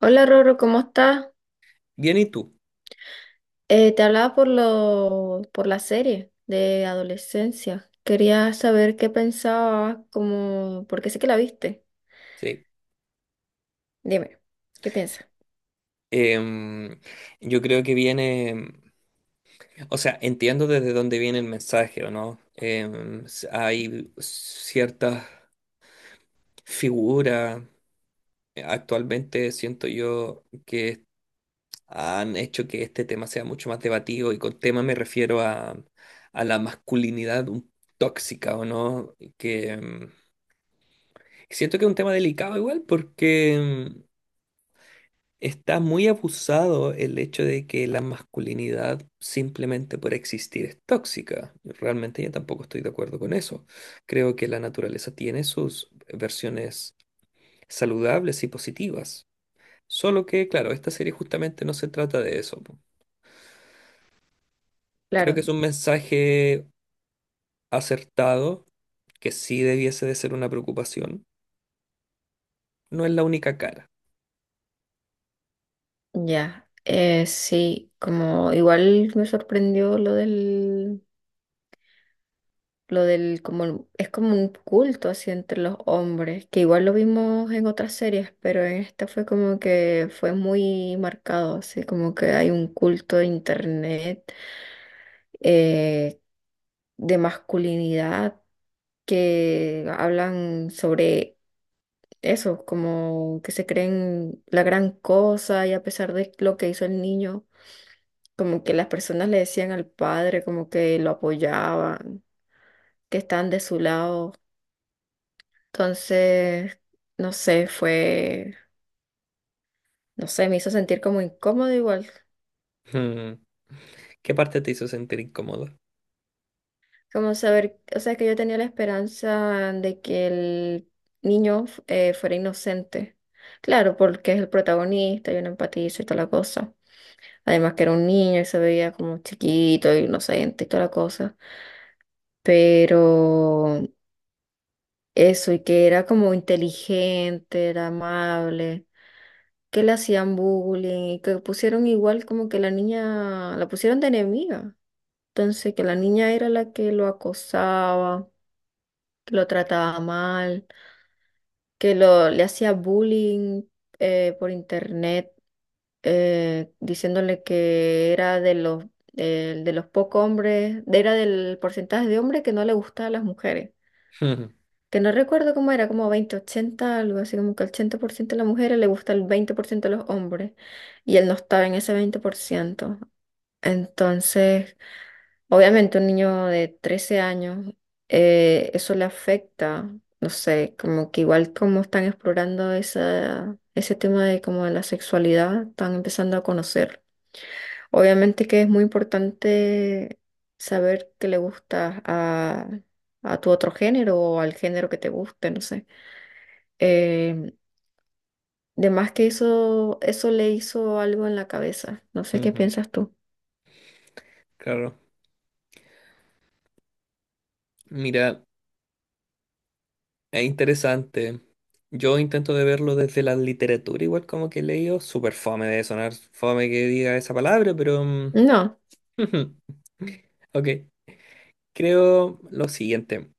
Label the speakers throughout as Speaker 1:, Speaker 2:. Speaker 1: Hola Roro, ¿cómo estás?
Speaker 2: Bien, ¿y tú?
Speaker 1: Te hablaba por por la serie de adolescencia. Quería saber qué pensabas, como, porque sé que la viste.
Speaker 2: Sí.
Speaker 1: Dime, ¿qué piensas?
Speaker 2: Em, yo creo que viene, o sea, entiendo desde dónde viene el mensaje, ¿o no? Hay ciertas figuras, actualmente siento yo que han hecho que este tema sea mucho más debatido, y con tema me refiero a la masculinidad tóxica, ¿o no? Que siento que es un tema delicado igual porque está muy abusado el hecho de que la masculinidad simplemente por existir es tóxica. Realmente yo tampoco estoy de acuerdo con eso. Creo que la naturaleza tiene sus versiones saludables y positivas. Solo que, claro, esta serie justamente no se trata de eso. Creo que
Speaker 1: Claro,
Speaker 2: es un mensaje acertado, que sí debiese de ser una preocupación. No es la única cara.
Speaker 1: ya. Sí, como igual me sorprendió lo del, como, es como un culto así entre los hombres, que igual lo vimos en otras series, pero en esta fue como que fue muy marcado, así como que hay un culto de internet. Eh, de masculinidad que hablan sobre eso, como que se creen la gran cosa y a pesar de lo que hizo el niño, como que las personas le decían al padre, como que lo apoyaban, que están de su lado. Entonces, no sé, fue, no sé, me hizo sentir como incómodo igual.
Speaker 2: Hmm. ¿Qué parte te hizo sentir incómodo?
Speaker 1: Como saber, o sea, que yo tenía la esperanza de que el niño fuera inocente. Claro, porque es el protagonista, yo no empatizo y toda la cosa. Además que era un niño y se veía como chiquito, inocente y toda la cosa. Pero eso, y que era como inteligente, era amable, que le hacían bullying y que pusieron igual como que la niña, la pusieron de enemiga. Entonces, que la niña era la que lo acosaba, que lo trataba mal. Le hacía bullying por internet, diciéndole que era de los, de los pocos hombres, era del porcentaje de hombres que no le gustaban las mujeres. Que no recuerdo cómo era, como 20-80, algo así como que el 80% de las mujeres le gusta el 20% de los hombres y él no estaba en ese 20%. Entonces, obviamente un niño de 13 años, eso le afecta, no sé, como que igual como están explorando ese tema de como de la sexualidad, están empezando a conocer. Obviamente que es muy importante saber qué le gusta a tu otro género o al género que te guste, no sé. Eh, de más que eso le hizo algo en la cabeza. No sé qué piensas tú.
Speaker 2: Claro. Mira. Es interesante. Yo intento de verlo desde la literatura, igual como que he leído. Súper fome de sonar, fome que diga esa palabra, pero.
Speaker 1: No,
Speaker 2: Ok. Creo lo siguiente,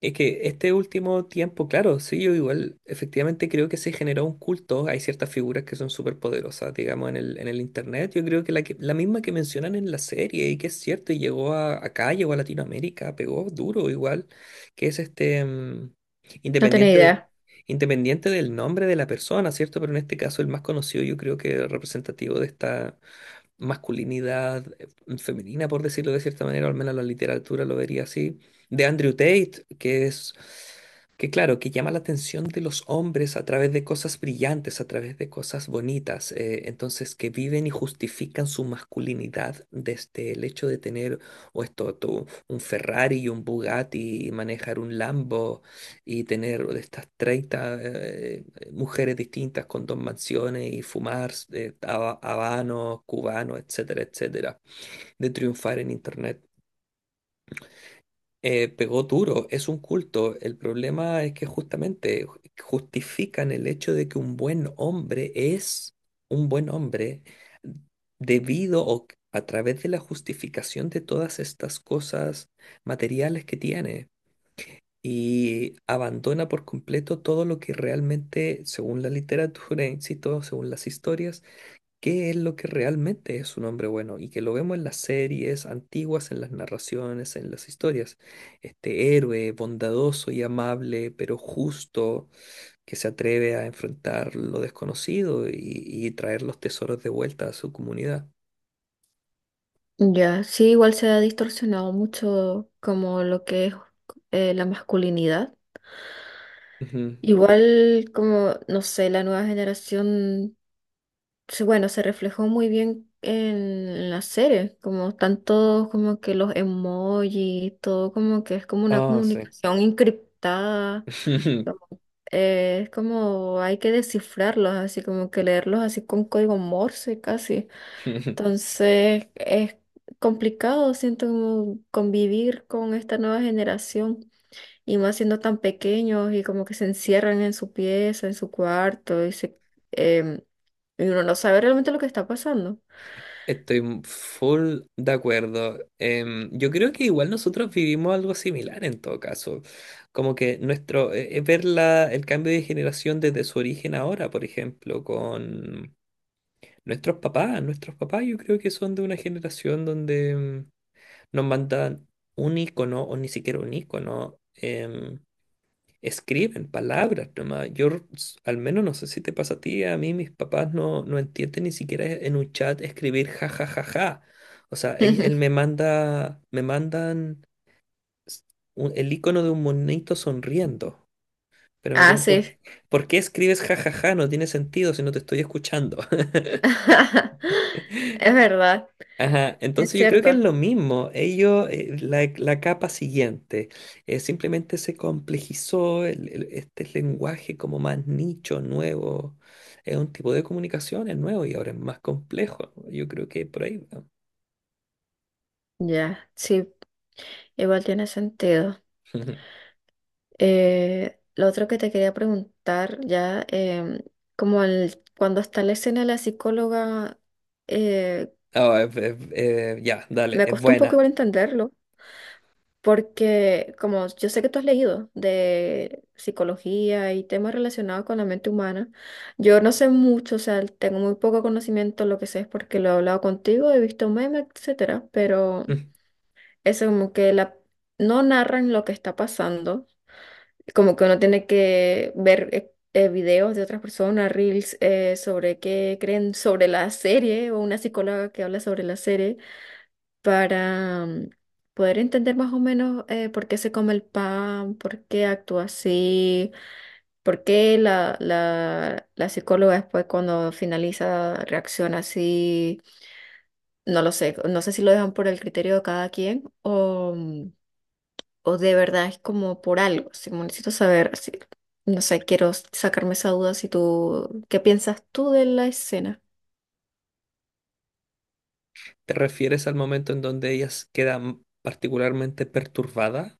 Speaker 2: es que este último tiempo, claro, sí, yo igual, efectivamente creo que se generó un culto, hay ciertas figuras que son súper poderosas, digamos, en el internet, yo creo que la misma que mencionan en la serie, y que es cierto, y llegó a Latinoamérica, pegó duro igual, que es este,
Speaker 1: no tenía
Speaker 2: independiente de-
Speaker 1: idea.
Speaker 2: independiente del nombre de la persona, ¿cierto? Pero en este caso el más conocido, yo creo que representativo de esta masculinidad femenina, por decirlo de cierta manera, o al menos la literatura lo vería así, de Andrew Tate, que es, que claro, que llama la atención de los hombres a través de cosas brillantes, a través de cosas bonitas, entonces que viven y justifican su masculinidad desde el hecho de tener o esto, un Ferrari y un Bugatti y manejar un Lambo y tener de estas 30 mujeres distintas con dos mansiones y fumar habanos, cubanos, etcétera, etcétera, de triunfar en Internet. Pegó duro, es un culto. El problema es que justamente justifican el hecho de que un buen hombre es un buen hombre debido o a través de la justificación de todas estas cosas materiales que tiene y abandona por completo todo lo que realmente, según la literatura, insisto, según las historias, qué es lo que realmente es un hombre bueno y que lo vemos en las series antiguas, en las narraciones, en las historias. Este héroe bondadoso y amable, pero justo, que se atreve a enfrentar lo desconocido y traer los tesoros de vuelta a su comunidad.
Speaker 1: Ya, sí, igual se ha distorsionado mucho como lo que es la masculinidad.
Speaker 2: Ujú.
Speaker 1: Igual como, no sé, la nueva generación, bueno, se reflejó muy bien en las series, como tanto como que los emojis, todo como que es como una
Speaker 2: Ah, sí.
Speaker 1: comunicación encriptada, como- es como hay que descifrarlos, así como que leerlos así con código Morse casi. Entonces es complicado, siento como convivir con esta nueva generación y más siendo tan pequeños y como que se encierran en su pieza, en su cuarto y em, y uno no sabe realmente lo que está pasando.
Speaker 2: Estoy full de acuerdo. Yo creo que igual nosotros vivimos algo similar en todo caso. Como que nuestro, ver el cambio de generación desde su origen ahora, por ejemplo, con nuestros papás. Nuestros papás yo creo que son de una generación donde nos mandan un icono o ni siquiera un icono. Escriben palabras nomás. Yo, al menos no sé si te pasa a ti, a mí mis papás no entienden ni siquiera en un chat escribir ja ja ja ja. O sea, él me manda, me mandan s- el icono de un monito sonriendo. Pero me
Speaker 1: Ah,
Speaker 2: pregunto, ¿por,
Speaker 1: sí.
Speaker 2: por qué escribes ja ja ja? No tiene sentido si no te estoy escuchando.
Speaker 1: Es verdad,
Speaker 2: Ajá,
Speaker 1: es
Speaker 2: entonces yo creo que es
Speaker 1: cierto.
Speaker 2: lo mismo. Ellos, la capa siguiente, simplemente se complejizó este lenguaje como más nicho, nuevo. Es un tipo de comunicación, es nuevo y ahora es más complejo. Yo creo que por ahí va.
Speaker 1: Ya, sí, igual tiene sentido. Lo otro que te quería preguntar, ya, como el, cuando está la escena de la psicóloga, eh,
Speaker 2: Ah, ya, dale,
Speaker 1: me
Speaker 2: es
Speaker 1: costó un poco
Speaker 2: buena.
Speaker 1: igual entenderlo, porque como yo sé que tú has leído de psicología y temas relacionados con la mente humana, yo no sé mucho, o sea, tengo muy poco conocimiento, lo que sé es porque lo he hablado contigo, he visto memes, etcétera, pero
Speaker 2: Mm.
Speaker 1: eso como que la, no narran lo que está pasando, como que uno tiene que ver videos de otras personas, reels, sobre qué creen sobre la serie o una psicóloga que habla sobre la serie para poder entender más o menos por qué se come el pan, por qué actúa así, por qué la psicóloga después cuando finaliza reacciona así, no lo sé, no sé si lo dejan por el criterio de cada quien o, o de verdad es como por algo, si necesito saber, así, no sé, quiero sacarme esa duda si tú, ¿qué piensas tú de la escena?
Speaker 2: ¿Te refieres al momento en donde ellas quedan particularmente perturbadas?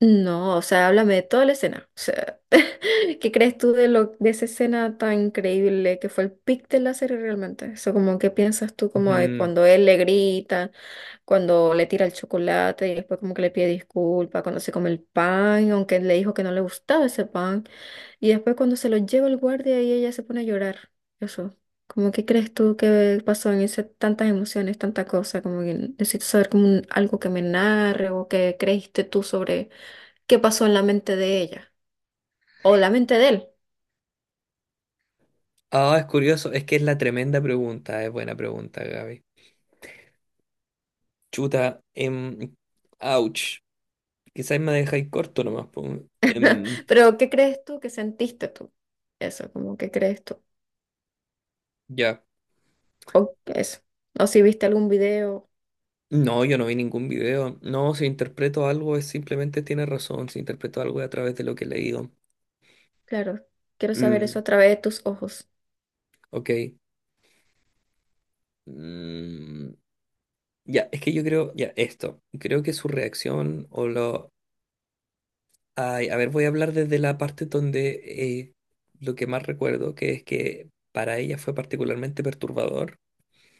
Speaker 1: No, o sea, háblame de toda la escena. O sea, ¿qué crees tú de lo, de esa escena tan increíble que fue el pic de la serie realmente? Eso como qué piensas tú como de
Speaker 2: Ujú.
Speaker 1: cuando él le grita, cuando le tira el chocolate y después como que le pide disculpas, cuando se come el pan, aunque él le dijo que no le gustaba ese pan, y después cuando se lo lleva el guardia y ella se pone a llorar. Eso. Como qué crees tú que pasó en esas tantas emociones, tanta cosa, como que necesito saber como algo que me narre o que creíste tú sobre qué pasó en la mente de ella o la mente de él.
Speaker 2: Ah, es curioso, es que es la tremenda pregunta, es buena pregunta, Gaby. Chuta, ouch. Quizás me dejáis corto nomás, po. Em,
Speaker 1: Pero ¿qué crees tú que sentiste tú? Eso, como ¿qué crees tú?
Speaker 2: ya.
Speaker 1: O eso. O si viste algún video,
Speaker 2: No, yo no vi ningún video. No, si interpreto algo es simplemente tiene razón. Si interpreto algo es a través de lo que he leído.
Speaker 1: claro, quiero saber eso
Speaker 2: Mm,
Speaker 1: a través de tus ojos.
Speaker 2: ok. Mm, ya, es que yo creo, ya, esto. Creo que su reacción o lo. Ay, a ver, voy a hablar desde la parte donde eh, lo que más recuerdo, que es que para ella fue particularmente perturbador.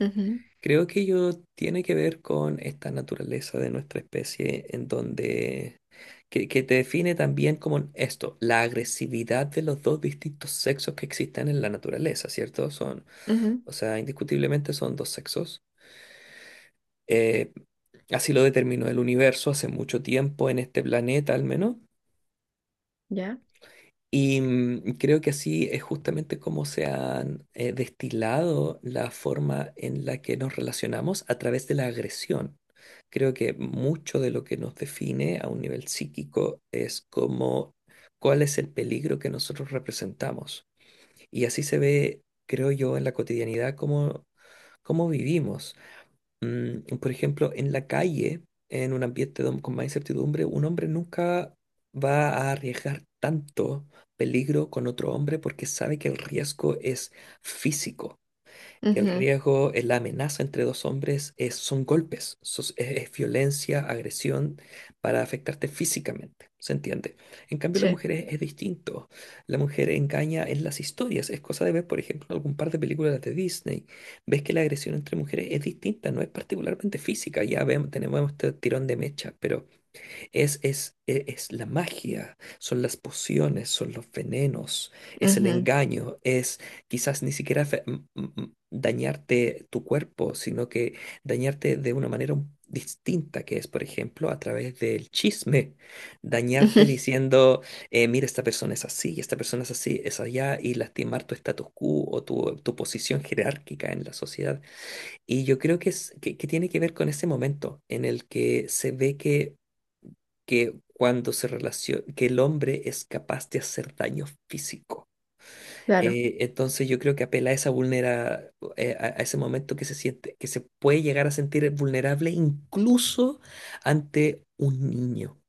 Speaker 1: Ujú,
Speaker 2: Creo que ello tiene que ver con esta naturaleza de nuestra especie en donde que te define también como esto, la agresividad de los dos distintos sexos que existen en la naturaleza, ¿cierto? Son,
Speaker 1: ujú,
Speaker 2: o sea, indiscutiblemente son dos sexos. Eh, así lo determinó el universo hace mucho tiempo en este planeta al menos.
Speaker 1: ¿ya?
Speaker 2: Y creo que así es justamente como se han destilado la forma en la que nos relacionamos a través de la agresión. Creo que mucho de lo que nos define a un nivel psíquico es cuál es el peligro que nosotros representamos. Y así se ve, creo yo, en la cotidianidad cómo vivimos, por ejemplo, en la calle, en un ambiente con más incertidumbre, un hombre nunca va a arriesgar tanto peligro con otro hombre porque sabe que el riesgo es físico. El
Speaker 1: Ujú,
Speaker 2: riesgo, la amenaza entre dos hombres son golpes, es violencia, agresión para afectarte físicamente, ¿se entiende? En cambio, las
Speaker 1: sí.
Speaker 2: mujeres es distinto. La mujer engaña en las historias. Es cosa de ver, por ejemplo, algún par de películas de Disney. Ves que la agresión entre mujeres es distinta, no es particularmente física. Ya vemos, tenemos este tirón de mecha, pero es la magia, son las pociones, son los venenos, es el
Speaker 1: Ujú,
Speaker 2: engaño, es quizás ni siquiera dañarte tu cuerpo, sino que dañarte de una manera distinta, que es, por ejemplo, a través del chisme,
Speaker 1: ujú,
Speaker 2: dañarte diciendo, mira, esta persona es así, y esta persona es así, es allá, y lastimar tu status quo o tu posición jerárquica en la sociedad. Y yo creo que tiene que ver con ese momento en el que se ve que cuando se relaciona, que el hombre es capaz de hacer daño físico.
Speaker 1: claro.
Speaker 2: Entonces yo creo que apela a esa a ese momento que se siente, que se puede llegar a sentir vulnerable incluso ante un niño,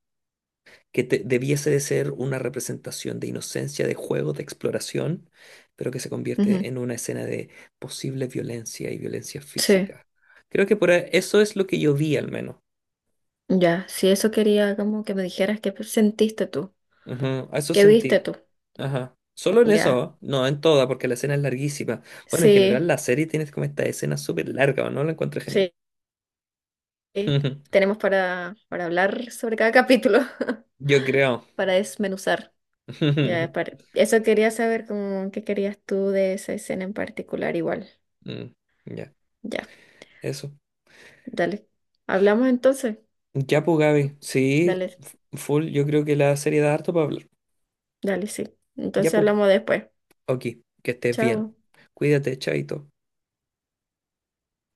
Speaker 2: que debiese de ser una representación de inocencia, de juego, de exploración, pero que se convierte
Speaker 1: Ujú,
Speaker 2: en una escena de posible violencia y violencia
Speaker 1: sí.
Speaker 2: física. Creo que eso es lo que yo vi al menos.
Speaker 1: Ya. Si eso quería como que me dijeras qué sentiste tú,
Speaker 2: Ujú, a eso
Speaker 1: qué viste
Speaker 2: sentí.
Speaker 1: tú.
Speaker 2: Ajá. Solo en
Speaker 1: Ya.
Speaker 2: eso, no en toda, porque la escena es larguísima. Bueno, en general
Speaker 1: Sí,
Speaker 2: la serie tiene como esta escena súper larga, ¿o no? La encuentro genial.
Speaker 1: sí. Tenemos para hablar sobre cada capítulo,
Speaker 2: Yo creo.
Speaker 1: para desmenuzar. Ya, para... Eso quería saber cómo, qué querías tú de esa escena en particular, igual.
Speaker 2: Mm, Ya,
Speaker 1: Ya,
Speaker 2: eso.
Speaker 1: dale. ¿Hablamos entonces?
Speaker 2: Ya, pues, Gaby. Sí,
Speaker 1: Dale,
Speaker 2: full. Yo creo que la serie da harto para hablar.
Speaker 1: dale, sí.
Speaker 2: Ya,
Speaker 1: Entonces
Speaker 2: pues.
Speaker 1: hablamos después.
Speaker 2: Ok, que estés bien.
Speaker 1: Chao.
Speaker 2: Cuídate, chaito.